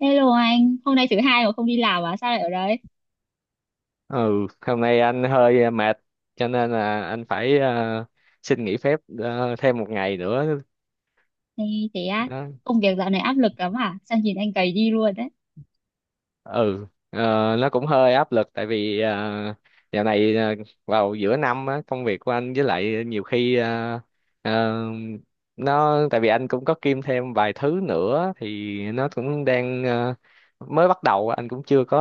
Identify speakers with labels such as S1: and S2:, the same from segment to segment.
S1: Hello anh, hôm nay thứ hai mà không đi làm à? Sao lại ở đấy?
S2: Ừ, hôm nay anh hơi mệt, cho nên là anh phải xin nghỉ phép, thêm một ngày nữa.
S1: Thế, thế á,
S2: Đó.
S1: công việc dạo này áp lực lắm à? Sao nhìn anh gầy đi luôn đấy.
S2: Ừ, nó cũng hơi áp lực, tại vì dạo này vào giữa năm á, công việc của anh với lại nhiều khi ờ, nó tại vì anh cũng có kiêm thêm vài thứ nữa thì nó cũng đang mới bắt đầu. Anh cũng chưa có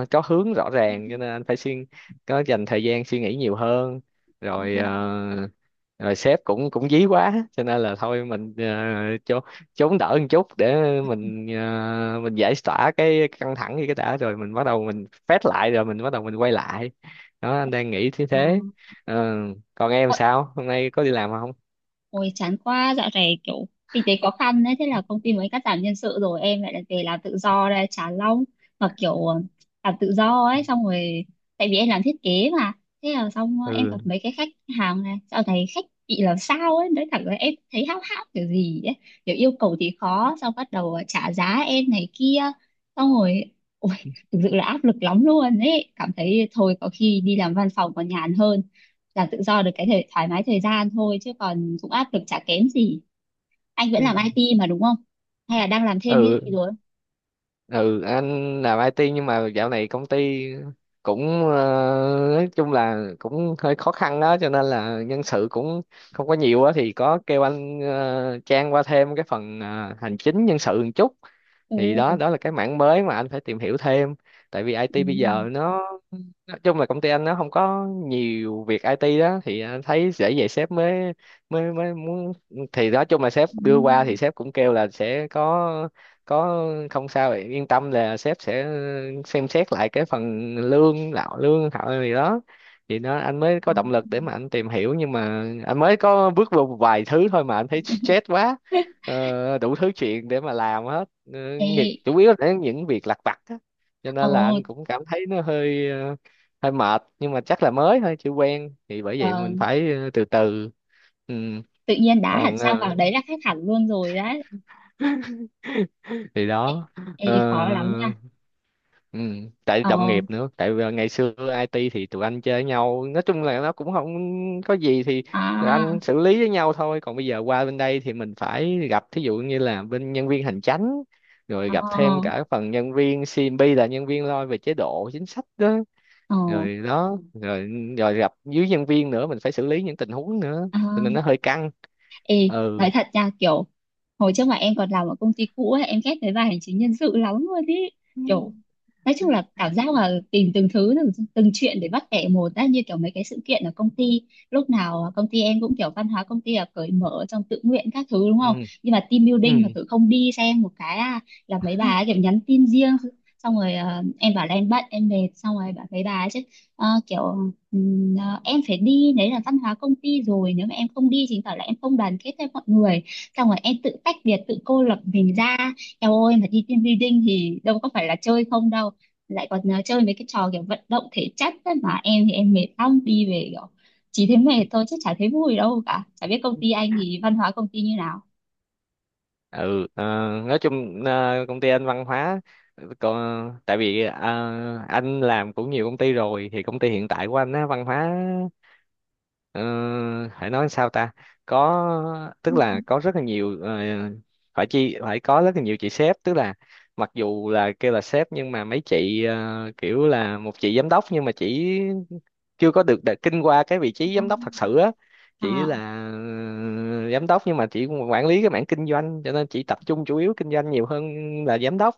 S2: có hướng rõ ràng, cho nên anh phải suy có dành thời gian suy nghĩ nhiều hơn.
S1: Ờ,
S2: Rồi ờ, rồi sếp cũng cũng dí quá, cho nên là thôi mình cho chống đỡ một chút để mình giải tỏa cái căng thẳng gì cái đã, rồi mình bắt đầu mình phét lại, rồi mình bắt đầu mình quay lại. Đó anh đang nghĩ thế thế. Ờ, còn em
S1: ờ.
S2: sao hôm nay có đi làm không?
S1: Ôi chán quá, dạo này kiểu kinh tế khó khăn đấy, thế là công ty mới cắt giảm nhân sự rồi em lại lại về làm tự do đây, chán lắm. Mà kiểu làm tự do ấy, xong rồi tại vì em làm thiết kế mà, thế là xong em gặp
S2: Ừ,
S1: mấy cái khách hàng này, dạo này khách bị làm sao ấy, nói thẳng là em thấy háo hao kiểu gì ấy, kiểu yêu cầu thì khó, xong bắt đầu trả giá em này kia, xong rồi ôi thực sự là áp lực lắm luôn ấy, cảm thấy thôi có khi đi làm văn phòng còn nhàn hơn làm tự do được cái thời, thoải mái thời gian thôi chứ còn cũng áp lực chả kém gì. Anh vẫn làm IT mà đúng không, hay là đang làm thêm cái gì
S2: ừ,
S1: rồi?
S2: ừ, anh làm IT nhưng mà dạo này công ty cũng nói chung là cũng hơi khó khăn đó, cho nên là nhân sự cũng không có nhiều á, thì có kêu anh Trang qua thêm cái phần hành chính nhân sự một chút, thì đó
S1: Ừ,
S2: đó là cái mảng mới mà anh phải tìm hiểu thêm. Tại vì
S1: ừ,
S2: IT bây giờ nó nói chung là công ty anh nó không có nhiều việc IT đó, thì anh thấy dễ vậy sếp mới mới mới muốn. Thì nói chung là sếp
S1: ừ.
S2: đưa qua thì sếp cũng kêu là sẽ có, không sao vậy, yên tâm là sếp sẽ xem xét lại cái phần lương lạo lương họ gì đó. Thì nó anh mới
S1: À.
S2: có động lực để mà anh tìm hiểu, nhưng mà anh mới có bước vào một vài thứ thôi mà anh thấy stress quá. Đủ thứ chuyện để mà làm hết. Ờ,
S1: Ê,
S2: Chủ yếu là những việc lặt vặt á, cho
S1: ồ,
S2: nên là anh cũng cảm thấy nó hơi mệt, nhưng mà chắc là mới thôi chưa quen, thì bởi vậy
S1: ờ,
S2: mình phải từ từ. Ừ.
S1: tự nhiên đá hẳn
S2: Còn
S1: sang vào đấy là khác hẳn luôn rồi đấy.
S2: thì
S1: Ê,
S2: đó.
S1: ê,
S2: Ờ.
S1: khó lắm nha.
S2: Ừ, tại
S1: Ờ,
S2: đồng nghiệp nữa, tại vì ngày xưa IT thì tụi anh chơi với nhau, nói chung là nó cũng không có gì, thì tụi anh
S1: à,
S2: xử lý với nhau thôi. Còn bây giờ qua bên đây thì mình phải gặp thí dụ như là bên nhân viên hành chánh, rồi
S1: ờ,
S2: gặp thêm cả phần nhân viên CMB là nhân viên lo về chế độ chính sách đó,
S1: ờ,
S2: rồi đó, rồi rồi gặp dưới nhân viên nữa, mình phải xử lý những tình huống nữa,
S1: à.
S2: cho nên nó hơi căng.
S1: Ê,
S2: Ừ,
S1: nói thật nha, kiểu hồi trước mà em còn làm ở công ty cũ ấy, em ghét cái bài hành chính nhân sự lắm luôn ý. Kiểu, nói chung là cảm giác là tìm từng thứ, từng chuyện để bắt bẻ một á, như kiểu mấy cái sự kiện ở công ty. Lúc nào công ty em cũng kiểu văn hóa công ty là cởi mở trong tự nguyện các thứ đúng
S2: ừ,
S1: không? Nhưng mà team
S2: ừ,
S1: building mà thử không đi xem một cái, là mấy bà ấy kiểu nhắn tin riêng. Xong rồi em bảo là em bận, em mệt, xong rồi bảo mấy bà ấy chứ kiểu à, em phải đi đấy là văn hóa công ty rồi, nếu mà em không đi chứng tỏ là em không đoàn kết với mọi người, xong rồi em tự tách biệt tự cô lập mình ra. Em ơi, mà đi team building thì đâu có phải là chơi không đâu, lại còn à, chơi mấy cái trò kiểu vận động thể chất ấy, mà em thì em mệt lắm đi về kiểu chỉ thấy mệt thôi chứ chả thấy vui đâu cả. Chả biết công ty anh thì văn hóa công ty như nào?
S2: ừ. Ờ, nói chung công ty anh văn hóa còn tại vì anh làm cũng nhiều công ty rồi, thì công ty hiện tại của anh á văn hóa ờ, phải nói sao ta, có
S1: Ừ,
S2: tức là có rất là nhiều phải chi phải có rất là nhiều chị sếp. Tức là mặc dù là kêu là sếp, nhưng mà mấy chị kiểu là một chị giám đốc nhưng mà chỉ chưa có được kinh qua cái vị trí
S1: à,
S2: giám đốc thật sự á, chỉ là giám đốc nhưng mà chỉ quản lý cái mảng kinh doanh, cho nên chỉ tập trung chủ yếu kinh doanh nhiều hơn là giám đốc.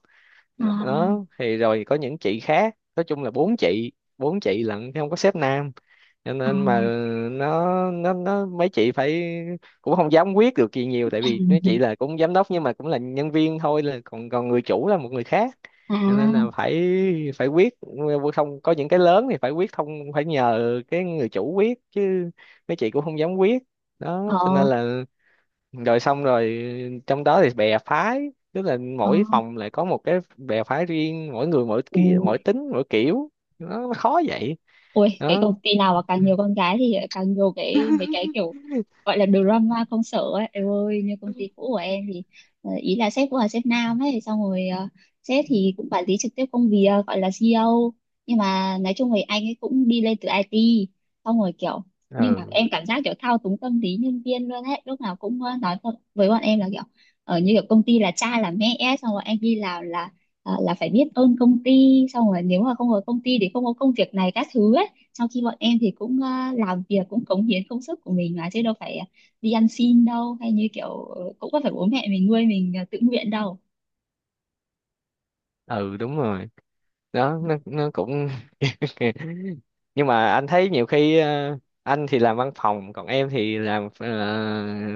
S1: à,
S2: Đó thì rồi có những chị khác, nói chung là bốn chị, bốn chị lận chứ không có sếp nam. Cho
S1: à. À,
S2: nên mà nó mấy chị phải cũng không dám quyết được gì nhiều, tại vì mấy chị là cũng giám đốc nhưng mà cũng là nhân viên thôi, là còn còn người chủ là một người khác, cho nên là
S1: à,
S2: phải phải quyết, không có, những cái lớn thì phải quyết không, phải nhờ cái người chủ quyết chứ mấy chị cũng không dám quyết. Đó cho nên
S1: ờ,
S2: là rồi xong rồi trong đó thì bè phái, tức là
S1: ờ,
S2: mỗi phòng lại có một cái bè phái riêng, mỗi người
S1: ừ.
S2: mỗi tính mỗi kiểu, nó khó vậy
S1: Ôi, cái
S2: đó.
S1: công ty nào mà càng nhiều con gái thì càng nhiều cái mấy cái kiểu gọi là drama công sở ấy. Em ơi, như công ty cũ của em thì ý là sếp cũng là sếp nam ấy, xong rồi sếp thì cũng quản lý trực tiếp công việc gọi là CEO. Nhưng mà nói chung thì anh ấy cũng đi lên từ IT, xong rồi kiểu nhưng mà em
S2: Ừ,
S1: cảm giác kiểu thao túng tâm lý nhân viên luôn ấy, lúc nào cũng nói con- với bọn em là kiểu ở như kiểu công ty là cha là mẹ ấy, xong rồi anh đi làm là à, là phải biết ơn công ty, xong rồi nếu mà không có công ty thì không có công việc này các thứ ấy. Sau khi bọn em thì cũng làm việc cũng cống hiến công sức của mình mà chứ đâu phải đi ăn xin đâu, hay như kiểu cũng có phải bố mẹ mình nuôi mình tự nguyện đâu.
S2: ừ, đúng rồi. Đó nó cũng nhưng mà anh thấy nhiều khi anh thì làm văn phòng, còn em thì làm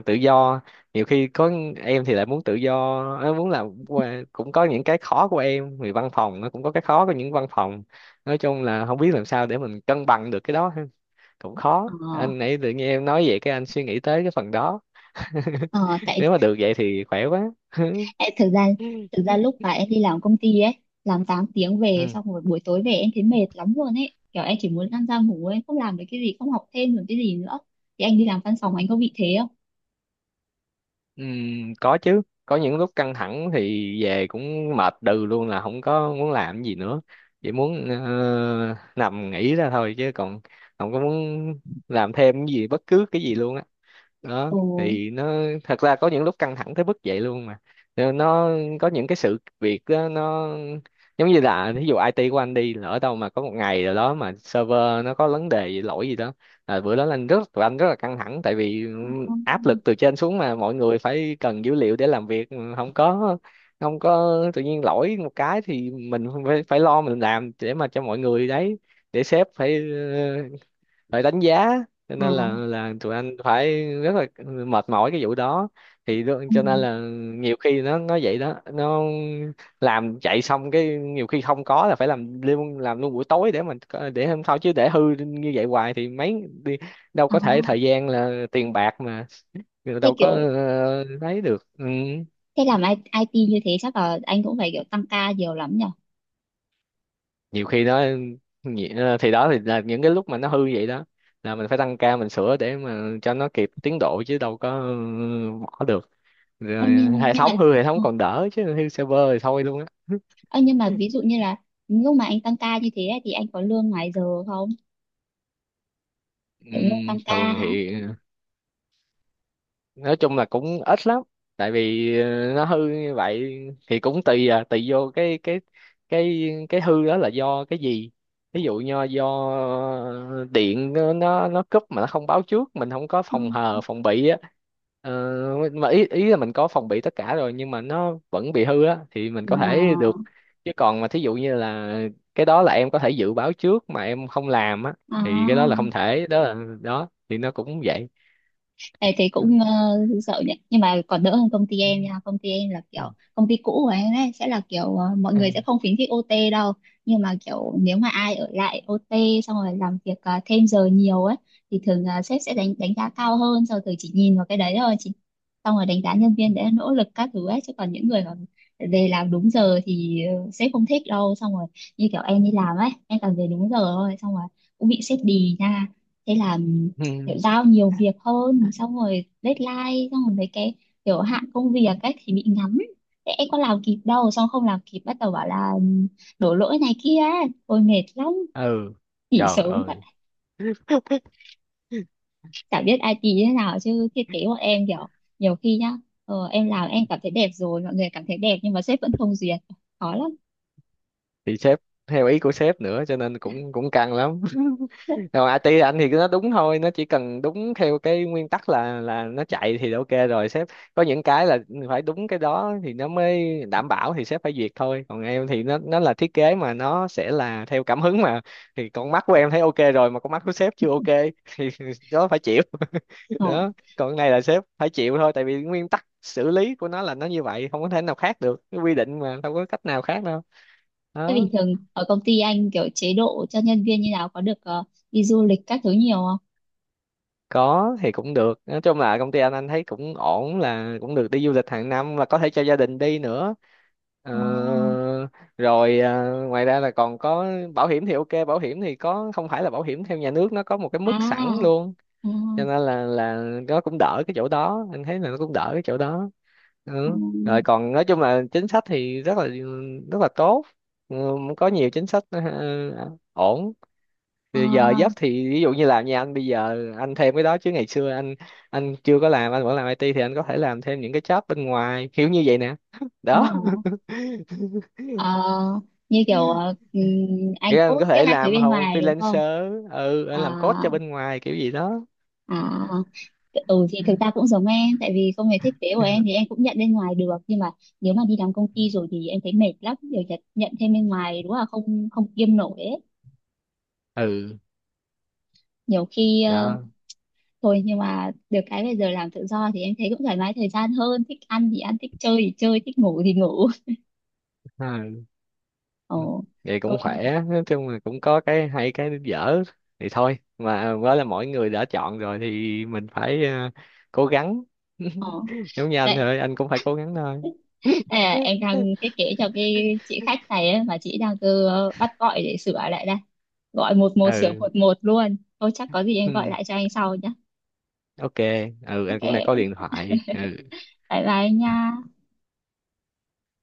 S2: tự do. Nhiều khi có em thì lại muốn tự do, muốn làm cũng có những cái khó của em, vì văn phòng nó cũng có cái khó của những văn phòng. Nói chung là không biết làm sao để mình cân bằng được cái đó ha. Cũng
S1: ờ,
S2: khó, anh nãy tự nhiên em nói vậy cái anh suy nghĩ tới cái phần đó.
S1: ờ, tại
S2: Nếu mà được vậy thì khỏe quá.
S1: tại thực ra lúc mà em đi làm công ty ấy, làm 8 tiếng về
S2: Ừ.
S1: xong rồi buổi tối về em thấy mệt lắm luôn ấy, kiểu em chỉ muốn lăn ra ngủ, em không làm được cái gì, không học thêm được cái gì nữa. Thì anh đi làm văn phòng anh có bị thế không?
S2: Có chứ, có những lúc căng thẳng thì về cũng mệt đừ luôn là không có muốn làm gì nữa, chỉ muốn nằm nghỉ ra thôi, chứ còn không có muốn làm thêm cái gì bất cứ cái gì luôn á. Đó
S1: Ồ,
S2: thì nó thật ra có những lúc căng thẳng tới mức vậy luôn mà. Rồi nó có những cái sự việc đó, nó giống như là ví dụ IT của anh đi, lỡ đâu mà có một ngày rồi đó mà server nó có vấn đề gì, lỗi gì đó là bữa đó là anh rất tụi anh rất là căng thẳng, tại vì áp lực từ trên xuống mà mọi người phải cần dữ liệu để làm việc. Ừ, không có tự nhiên lỗi một cái thì mình phải phải lo mình làm để mà cho mọi người đấy, để sếp phải phải đánh giá, cho nên là
S1: à,
S2: là tụi anh phải rất là mệt mỏi cái vụ đó. Thì
S1: ừ.
S2: cho nên là nhiều khi nó vậy đó, nó làm chạy xong cái nhiều khi không có là phải làm luôn buổi tối để mình để hôm sau, chứ để hư như vậy hoài thì mấy đi đâu
S1: À,
S2: có thể, thời gian là tiền bạc mà.
S1: thế
S2: Đâu có
S1: kiểu
S2: lấy được. Ừ.
S1: thế làm ai ai ti như thế chắc là anh cũng phải kiểu tăng ca nhiều lắm nhỉ.
S2: Nhiều khi nó thì đó thì là những cái lúc mà nó hư vậy đó, là mình phải tăng ca mình sửa để mà cho nó kịp tiến độ, chứ đâu có bỏ được.
S1: Ê,
S2: Rồi
S1: nhưng
S2: hệ
S1: nhưng mà
S2: thống hư hệ thống
S1: ừ.
S2: còn đỡ, chứ hư server thì thôi luôn á.
S1: Ê, nhưng mà ví dụ như là lúc mà anh tăng ca như thế ấy, thì anh có lương ngoài giờ không? Kiểu lương tăng ca
S2: Thường
S1: á.
S2: thì nói chung là cũng ít lắm, tại vì nó hư như vậy thì cũng tùy vô cái hư đó là do cái gì. Ví dụ như do ờ, điện nó cúp mà nó không báo trước, mình không có
S1: Ừ.
S2: phòng hờ phòng bị á. ờ, mà ý ý là mình có phòng bị tất cả rồi nhưng mà nó vẫn bị hư á thì mình
S1: Ờ.
S2: có thể được. Chứ còn mà thí dụ như là cái đó là em có thể dự báo trước mà em không làm á,
S1: À.
S2: thì cái đó là không thể. Đó là đó thì nó cũng vậy.
S1: Ê, thì cũng sợ nhỉ, nhưng mà còn đỡ hơn công ty em nha. Công ty em là kiểu công ty cũ của em ấy sẽ là kiểu mọi
S2: Ừ.
S1: người sẽ không khuyến khích OT đâu, nhưng mà kiểu nếu mà ai ở lại OT xong rồi làm việc thêm giờ nhiều ấy thì thường là sếp sẽ đánh đánh giá cao hơn, sau rồi chỉ nhìn vào cái đấy thôi chị, xong rồi đánh giá nhân viên để nỗ lực các thứ ấy, chứ còn những người mà về làm đúng giờ thì sếp không thích đâu. Xong rồi như kiểu em đi làm ấy em toàn về đúng giờ thôi, xong rồi cũng bị sếp đì nha, thế là kiểu giao nhiều việc hơn, xong rồi deadline, xong rồi mấy cái kiểu hạn công việc cách thì bị ngắn. Thế em có làm kịp đâu, xong không làm kịp bắt đầu bảo là ừ, đổ lỗi này kia, tôi mệt lắm,
S2: Ừ,
S1: nghỉ
S2: trời
S1: sớm vậy.
S2: ơi,
S1: Chả biết ai như thế nào chứ thiết kế bọn em kiểu nhiều khi nhá, em làm em cảm thấy đẹp rồi, mọi người cảm thấy đẹp nhưng mà sếp vẫn không duyệt, khó lắm.
S2: thì sếp theo ý của sếp nữa, cho nên cũng cũng căng lắm. Còn IT anh thì nó đúng thôi, nó chỉ cần đúng theo cái nguyên tắc, là nó chạy thì ok rồi sếp. Có những cái là phải đúng cái đó thì nó mới đảm bảo, thì sếp phải duyệt thôi. Còn em thì nó là thiết kế mà, nó sẽ là theo cảm hứng mà, thì con mắt của em thấy ok rồi mà con mắt của sếp chưa ok. Thì đó phải chịu.
S1: Ờ.
S2: Đó, còn cái này là sếp phải chịu thôi, tại vì nguyên tắc xử lý của nó là nó như vậy, không có thể nào khác được, cái quy định mà đâu có cách nào khác đâu.
S1: Thế bình
S2: Đó.
S1: thường ở công ty anh kiểu chế độ cho nhân viên như nào, có được đi du lịch các thứ nhiều không?
S2: Có thì cũng được, nói chung là công ty anh thấy cũng ổn, là cũng được đi du lịch hàng năm và có thể cho gia đình đi nữa. Ờ,
S1: Ờ.
S2: Rồi ngoài ra là còn có bảo hiểm thì ok, bảo hiểm thì có, không phải là bảo hiểm theo nhà nước, nó có một cái
S1: À,
S2: mức sẵn luôn,
S1: à,
S2: cho nên là nó cũng đỡ cái chỗ đó, anh thấy là nó cũng đỡ cái chỗ đó.
S1: ừ.
S2: Ừ. Rồi còn nói chung là chính sách thì rất là tốt. ừ, có nhiều chính sách ổn.
S1: Ờ,
S2: Thì giờ giấc thì ví dụ như làm nhà anh bây giờ anh thêm cái đó, chứ ngày xưa anh chưa có làm, anh vẫn làm IT thì anh có thể làm thêm những cái job bên ngoài kiểu như vậy nè. Đó.
S1: đúng rồi. Ờ, Như kiểu anh
S2: Nghĩa là anh
S1: cốt
S2: có
S1: các
S2: thể
S1: anh thấy
S2: làm
S1: bên
S2: hầu
S1: ngoài đúng không?
S2: freelancer, anh
S1: À,
S2: làm code cho bên ngoài kiểu gì đó.
S1: à, ừ thì thực ra cũng giống em, tại vì công việc thiết kế của em thì em cũng nhận bên ngoài được, nhưng mà nếu mà đi làm công ty rồi thì em thấy mệt lắm, đều nhận thêm bên ngoài đúng là không, không kiêm nổi ấy.
S2: Ừ,
S1: Nhiều khi
S2: đó,
S1: thôi, nhưng mà được cái bây giờ làm tự do thì em thấy cũng thoải mái thời gian hơn, thích ăn thì ăn, thích chơi thì chơi, thích ngủ thì ngủ.
S2: ừ.
S1: Ồ,
S2: Vậy cũng
S1: thôi.
S2: khỏe, nói chung là cũng có cái hay cái dở, thì thôi mà đó là mỗi người đã chọn rồi thì mình phải cố gắng.
S1: Ồ.
S2: Giống như anh
S1: Đấy.
S2: thôi, anh cũng phải cố gắng thôi.
S1: À, em đang thiết kế cho cái chị khách này ấy, mà chị đang cứ bắt gọi để sửa lại đây, gọi một một sửa
S2: Ừ.
S1: một một luôn thôi, chắc có gì em gọi
S2: Ừm,
S1: lại cho anh sau nhé.
S2: ok. Ừ, anh cũng đang có
S1: OK,
S2: điện thoại. Ừ
S1: bye bye anh nha.